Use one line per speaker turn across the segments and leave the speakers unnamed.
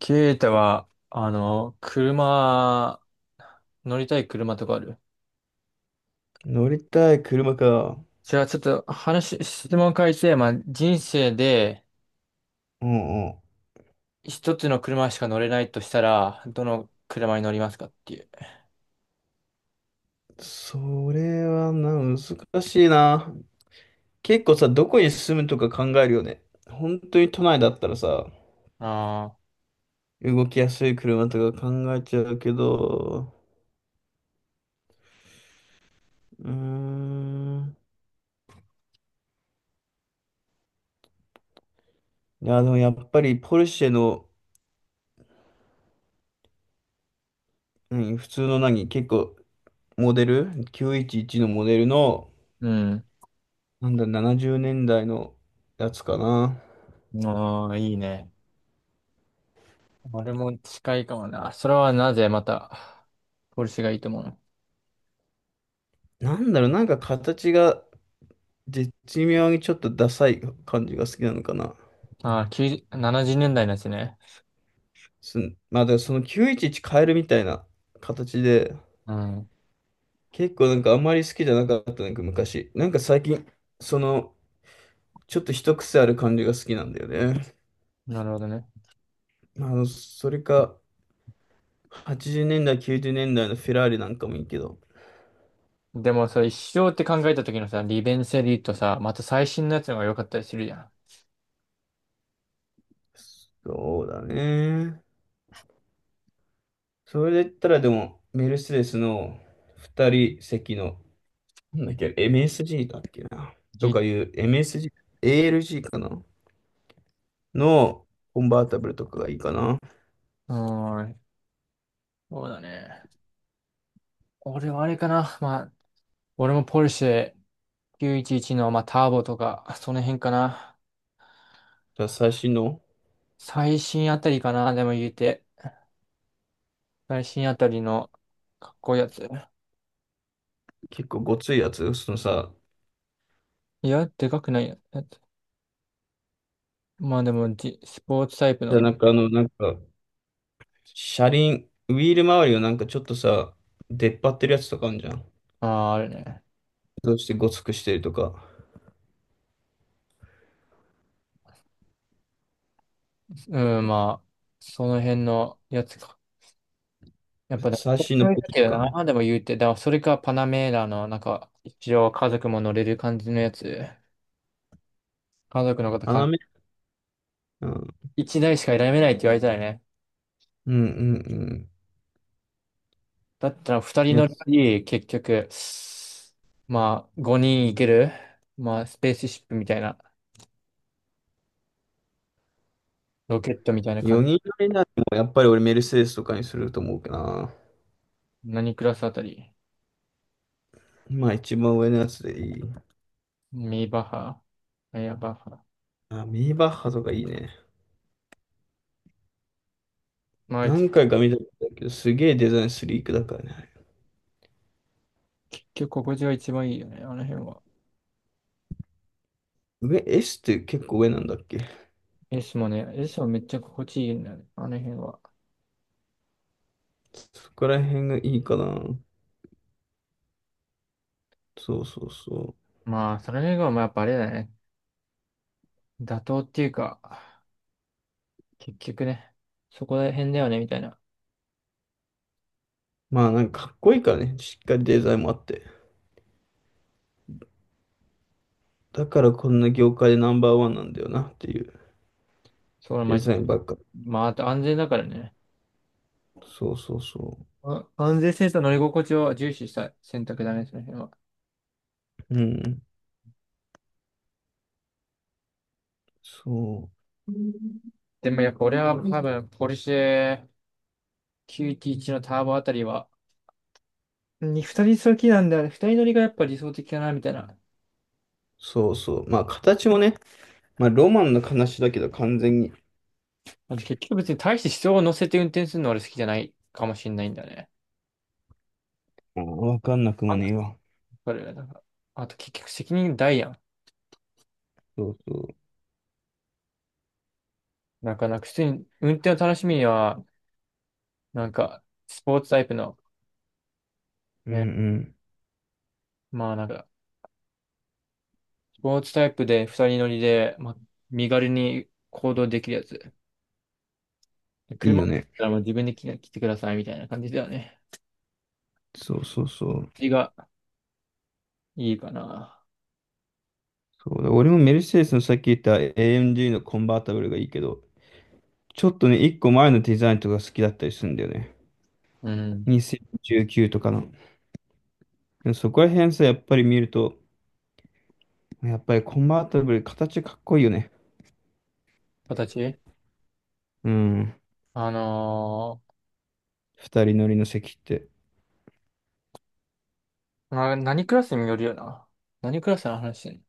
ケイタは、乗りたい車とかある？
乗りたい車か。
じゃあちょっと質問変えて、まあ、人生で
うんうん。
一つの車しか乗れないとしたら、どの車に乗りますかっていう。
それはな、難しいな。結構さ、どこに住むとか考えるよね。本当に都内だったらさ、
ああ、
動きやすい車とか考えちゃうけど、うーん。いや、でもやっぱりポルシェの、何普通の何、結構モデル、911のモデルの、
うん。
なんだ、70年代のやつかな。
ああ、いいね。俺も近いかもな。それはなぜまた、ポルシェがいいと思うの？
なんだろう、なんか形が、絶妙にちょっとダサい感じが好きなのかな。
ああ、90、70年代のやつね。
す、まあ、でもその911変えるみたいな形で、
うん。
結構なんかあんまり好きじゃなかった、なんか昔。なんか最近、その、ちょっと一癖ある感じが好きなんだよね。
なるほどね。
それか、80年代、90年代のフェラーリなんかもいいけど。
でもさ、一生って考えた時のさ、利便性で言うとさ、また最新のやつの方が良かったりするじゃん。
そうだね。それで言ったらでも、メルセデスの2人席の、なんだっけ、MSG だっけな。と
う
かいう MSG、ALG かな。のコンバータブルとかがいいかな。
ーん、そうだね。俺はあれかな。まあ、俺もポルシェ911の、まあ、ターボとか、その辺かな。
じゃあ最新の
最新あたりかな、でも言うて。最新あたりのかっこいいやつ。
結構ごついやつ、そのさ、
いや、でかくないやつ。まあでも、スポーツタイプ
じゃあ
の、
車輪、ウィール周りをなんかちょっとさ、出っ張ってるやつとかあるじゃん。
ああ、あるね。
どうしてごつくしてるとか、
うん、まあ、その辺のやつか。やっぱでも、
最
こっ
新の
ち
ポ
だ
ジ
けど
か。
な、でも言うて。だからそれかパナメーラの、なんか、一応家族も乗れる感じのやつ。家族の
斜
方、
め、うん、
一台しか選べないって言われたらね。
うんうん
だったら二
う
人
ん。いや、
乗りより、結局、まあ、五人行ける、まあ、スペースシップみたいな、ロケットみたいな感じ。
4人乗りならもやっぱり俺メルセデスとかにすると思うかな。
何クラスあたり？
まあ一番上のやつでいい。
ミーバッハ、エアバッハ。
あ、ミニバッハとかいいね。
まあ、
何回か見たことあるけど、すげえデザインスリークだからね。
結局、心地が一番いいよね、あの辺は。
上、S って結構上なんだっけ。
S もね、S もめっちゃ心地いいんだよね、あの辺は。
そこら辺がいいかな。そうそうそ
まあ、その辺が、まあ、やっぱあれだね。妥当っていうか、結局ね、そこら辺だよね、みたいな。
う。まあなんかかっこいいからね。しっかりデザインもあって。だからこんな業界でナンバーワンなんだよなっていう
そう、ま
デ
あ、
ザインばっか。
まあ、あと安全だからね。
そうそうそ
安全性と乗り心地を重視した選択だね、その辺は。
う。うん。そう。
でもやっぱ俺は多分、ポルシェ911のターボあたりは、に二人好きなんだよね。二人乗りがやっぱ理想的かな、みたいな。
そうそう。まあ形もね、まあロマンの話だけど完全に、
あと結局別に大して人を乗せて運転するの俺好きじゃないかもしれないんだよね。
まあーわかんなくも
あ
ねえわ。
それなんかあと結局責任大やん。
そうそう。
なんか普通に運転を楽しみには、なんか、スポーツタイプの、
うん
ね、
うん。
まあなんか、スポーツタイプで二人乗りで、まあ、身軽に行動できるやつ。
いい
車だ
よ
っ
ね。
たらもう自分で来てくださいみたいな感じだよね。
そうそうそう。
絵がいいかな。
そうだ、俺もメルセデスのさっき言った AMG のコンバータブルがいいけど、ちょっとね、一個前のデザインとか好きだったりするんだよね。
うん。
2019とかの。でもそこら辺さ、やっぱり見ると、やっぱりコンバータブル、形かっこいいよね。
形
うん。
あの
二人乗りの席って。
何クラスによるよな。何クラスの話して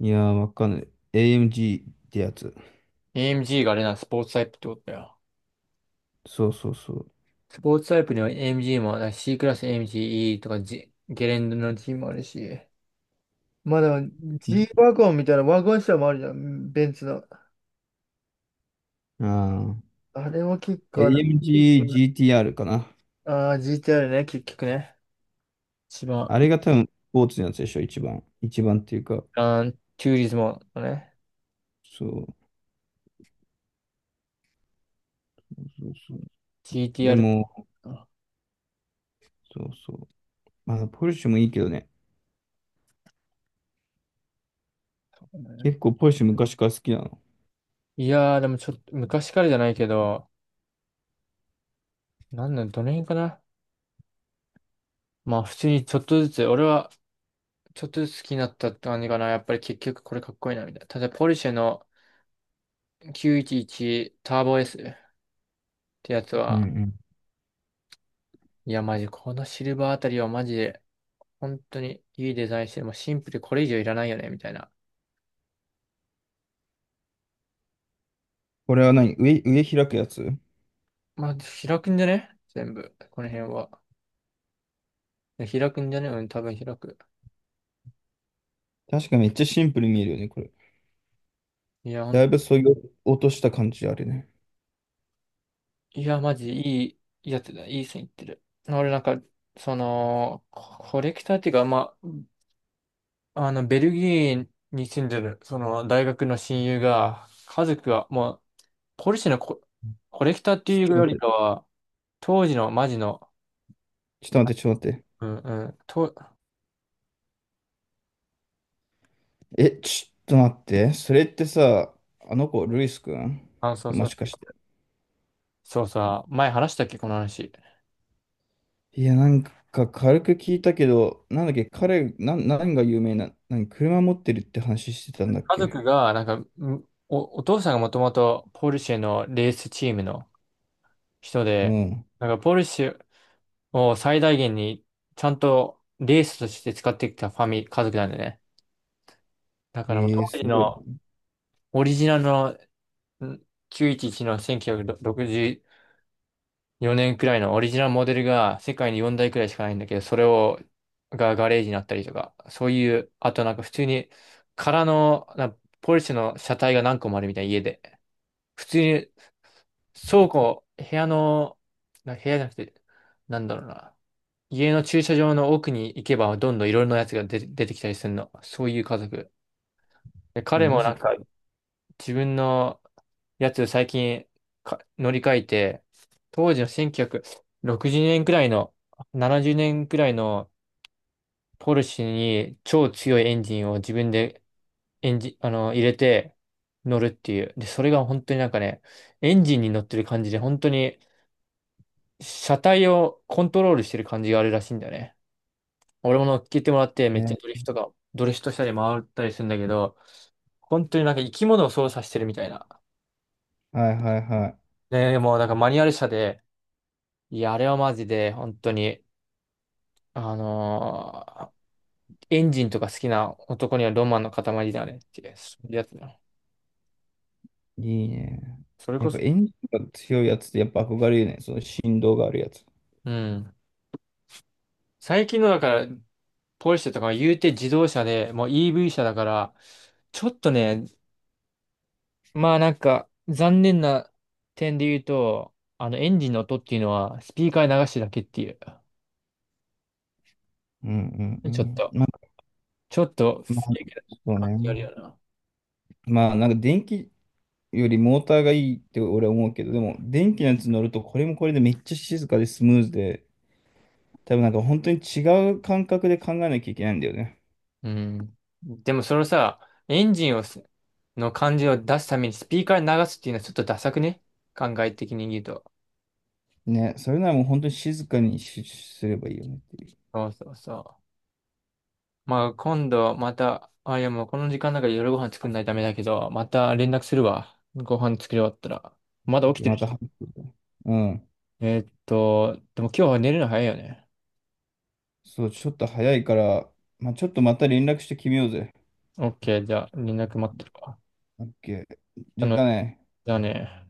いやー、わかんない。AMG ってやつ。
んの？ AMG があれな、スポーツタイプってことだよ。
そうそうそう。
スポーツタイプには AMG もあるし、C クラス AMGE とか、G、ゲレンデの G もあるし。まだ
じ
G ワゴンみたいなワゴン車もあるじゃん、ベンツの。
あ
あれも結
ー、
構な、
AMG GTR かな。
GTR ね、結局ね。一番、
あれが多分、スポーツのやつでしょ、一番。一番っていうか。
チューリズムのね、
そう。そうそう。で
GTR。
も、そうそう。まあ、ポルシェもいいけどね。結構ポルシェ昔から好きなの。
いやー、でもちょっと、昔からじゃないけど、なんだ、どの辺かな。まあ、普通にちょっとずつ、俺はちょっとずつ好きになったって感じかな。やっぱり結局これかっこいいな、みたいな。例えば、ポルシェの911ターボ S ってやつ
う
は、
ん。
いや、マジ、このシルバーあたりはマジで、本当にいいデザインして、もうシンプルでこれ以上いらないよね、みたいな。
これは何上、上開くやつ。
まあ、開くんじゃね全部、この辺は。開くんじゃね、うん、多分開く。
確かめっちゃシンプルに見えるよね、これ。
いや、
だ
本
いぶ削ぎ落とした感じあるね。
いや、マジいいやつだ。いい線いってる。俺なんか、その、レクターっていうか、まあ、あの、ベルギーに住んでる、その、大学の親友が、家族が、もう、ポルシェのコレクターって
ちょ
い
っ
う
と
よ
待
り
っ
か
て、
は、当時のマジの、
ちょっと待って。
うんうん、
え、ちょっと待って。それってさ、あの子、ルイスくん
そう
も
そ
し
う、
かして。
そうさ、前話したっけ、この話。
いや、なんか軽く聞いたけど、なんだっけ、彼、何が有名な、何、車持ってるって話してたんだっ
家族
け。
が、なんか、んお父さんがもともとポルシェのレースチームの人
う
で、
ん。
なんかポルシェ、を最大限にちゃんとレースとして使ってきたファミ、家族なんでね。だからもう
えー、
当
す
時
ごい。
のオリジナルのん911の1964年くろくじゅうよねんくらいのオリジナルモデルが世界に4台くらいしかないんだけど、それがガレージになったりとか、そういう、あとなんか普通に空のポルシェの車体が何個もあるみたいな家で、普通に倉庫、部屋の、部屋じゃなくて、なんだろうな。家の駐車場の奥に行けばどんどんいろいろなやつが出てきたりするの。そういう家族。で彼
マ
も
ジ
なんか
か。
自分のやつ最近乗り換えて、当時の1960年くろくじゅうねんくらいの、70年くらいのポルシェに超強いエンジンを自分でエンジン、あの、入れて乗るっていう。で、それが本当になんかね、エンジンに乗ってる感じで、本当に車体をコントロールしてる感じがあるらしいんだよね。俺も乗っけてもらって、めっちゃ
ね。
ドリフトしたり回ったりするんだけど、本当になんか生き物を操作してるみたいな。
はいはいは
ね、もうなんかマニュアル車で、いや、あれはマジで、本当に、あのーエンジンとか好きな男にはロマンの塊だよねっていう、そういうやつだ。
い。いいね。
それ
や
こ
っぱ
そ、
エンジンが強いやつってやっぱ憧れるね。その振動があるやつ。
うん。最近のだから、ポルシェとかは言うて自動車で、もう EV 車だから、ちょっとね、まあなんか、残念な点で言うと、あの、エンジンの音っていうのは、スピーカーに流してるだけっていう。
うんう
ちょっ
んう
と、
ん。
ちょっと、不
ま
正
あ、
解な
そう
感じある
ね。
よな。
まあ、なんか電気よりモーターがいいって俺は思うけど、でも電気のやつ乗るとこれもこれでめっちゃ静かでスムーズで、多分なんか本当に違う感覚で考えなきゃいけないんだよね。
うん。でもそのさ、エンジンの感じを出すためにスピーカーに流すっていうのはちょっとダサくね考え的に言うと。
ね、それならもう本当に静かにしすればいいよねってい
そうそうそう。まあ今度また、いやもうこの時間だから夜ご飯作んないとダメだけど、また連絡するわ。ご飯作り終わったら。まだ起き
う。
て
ま
る
た
し。
話するね、うん。
でも今日は寝るの早いよね。
そう、ちょっと早いから、まあ、ちょっとまた連絡して決めようぜ。
OK、じゃあ、連絡待ってるわ。
オッケー。
あ
じゃ
の、
あね。
じゃあね。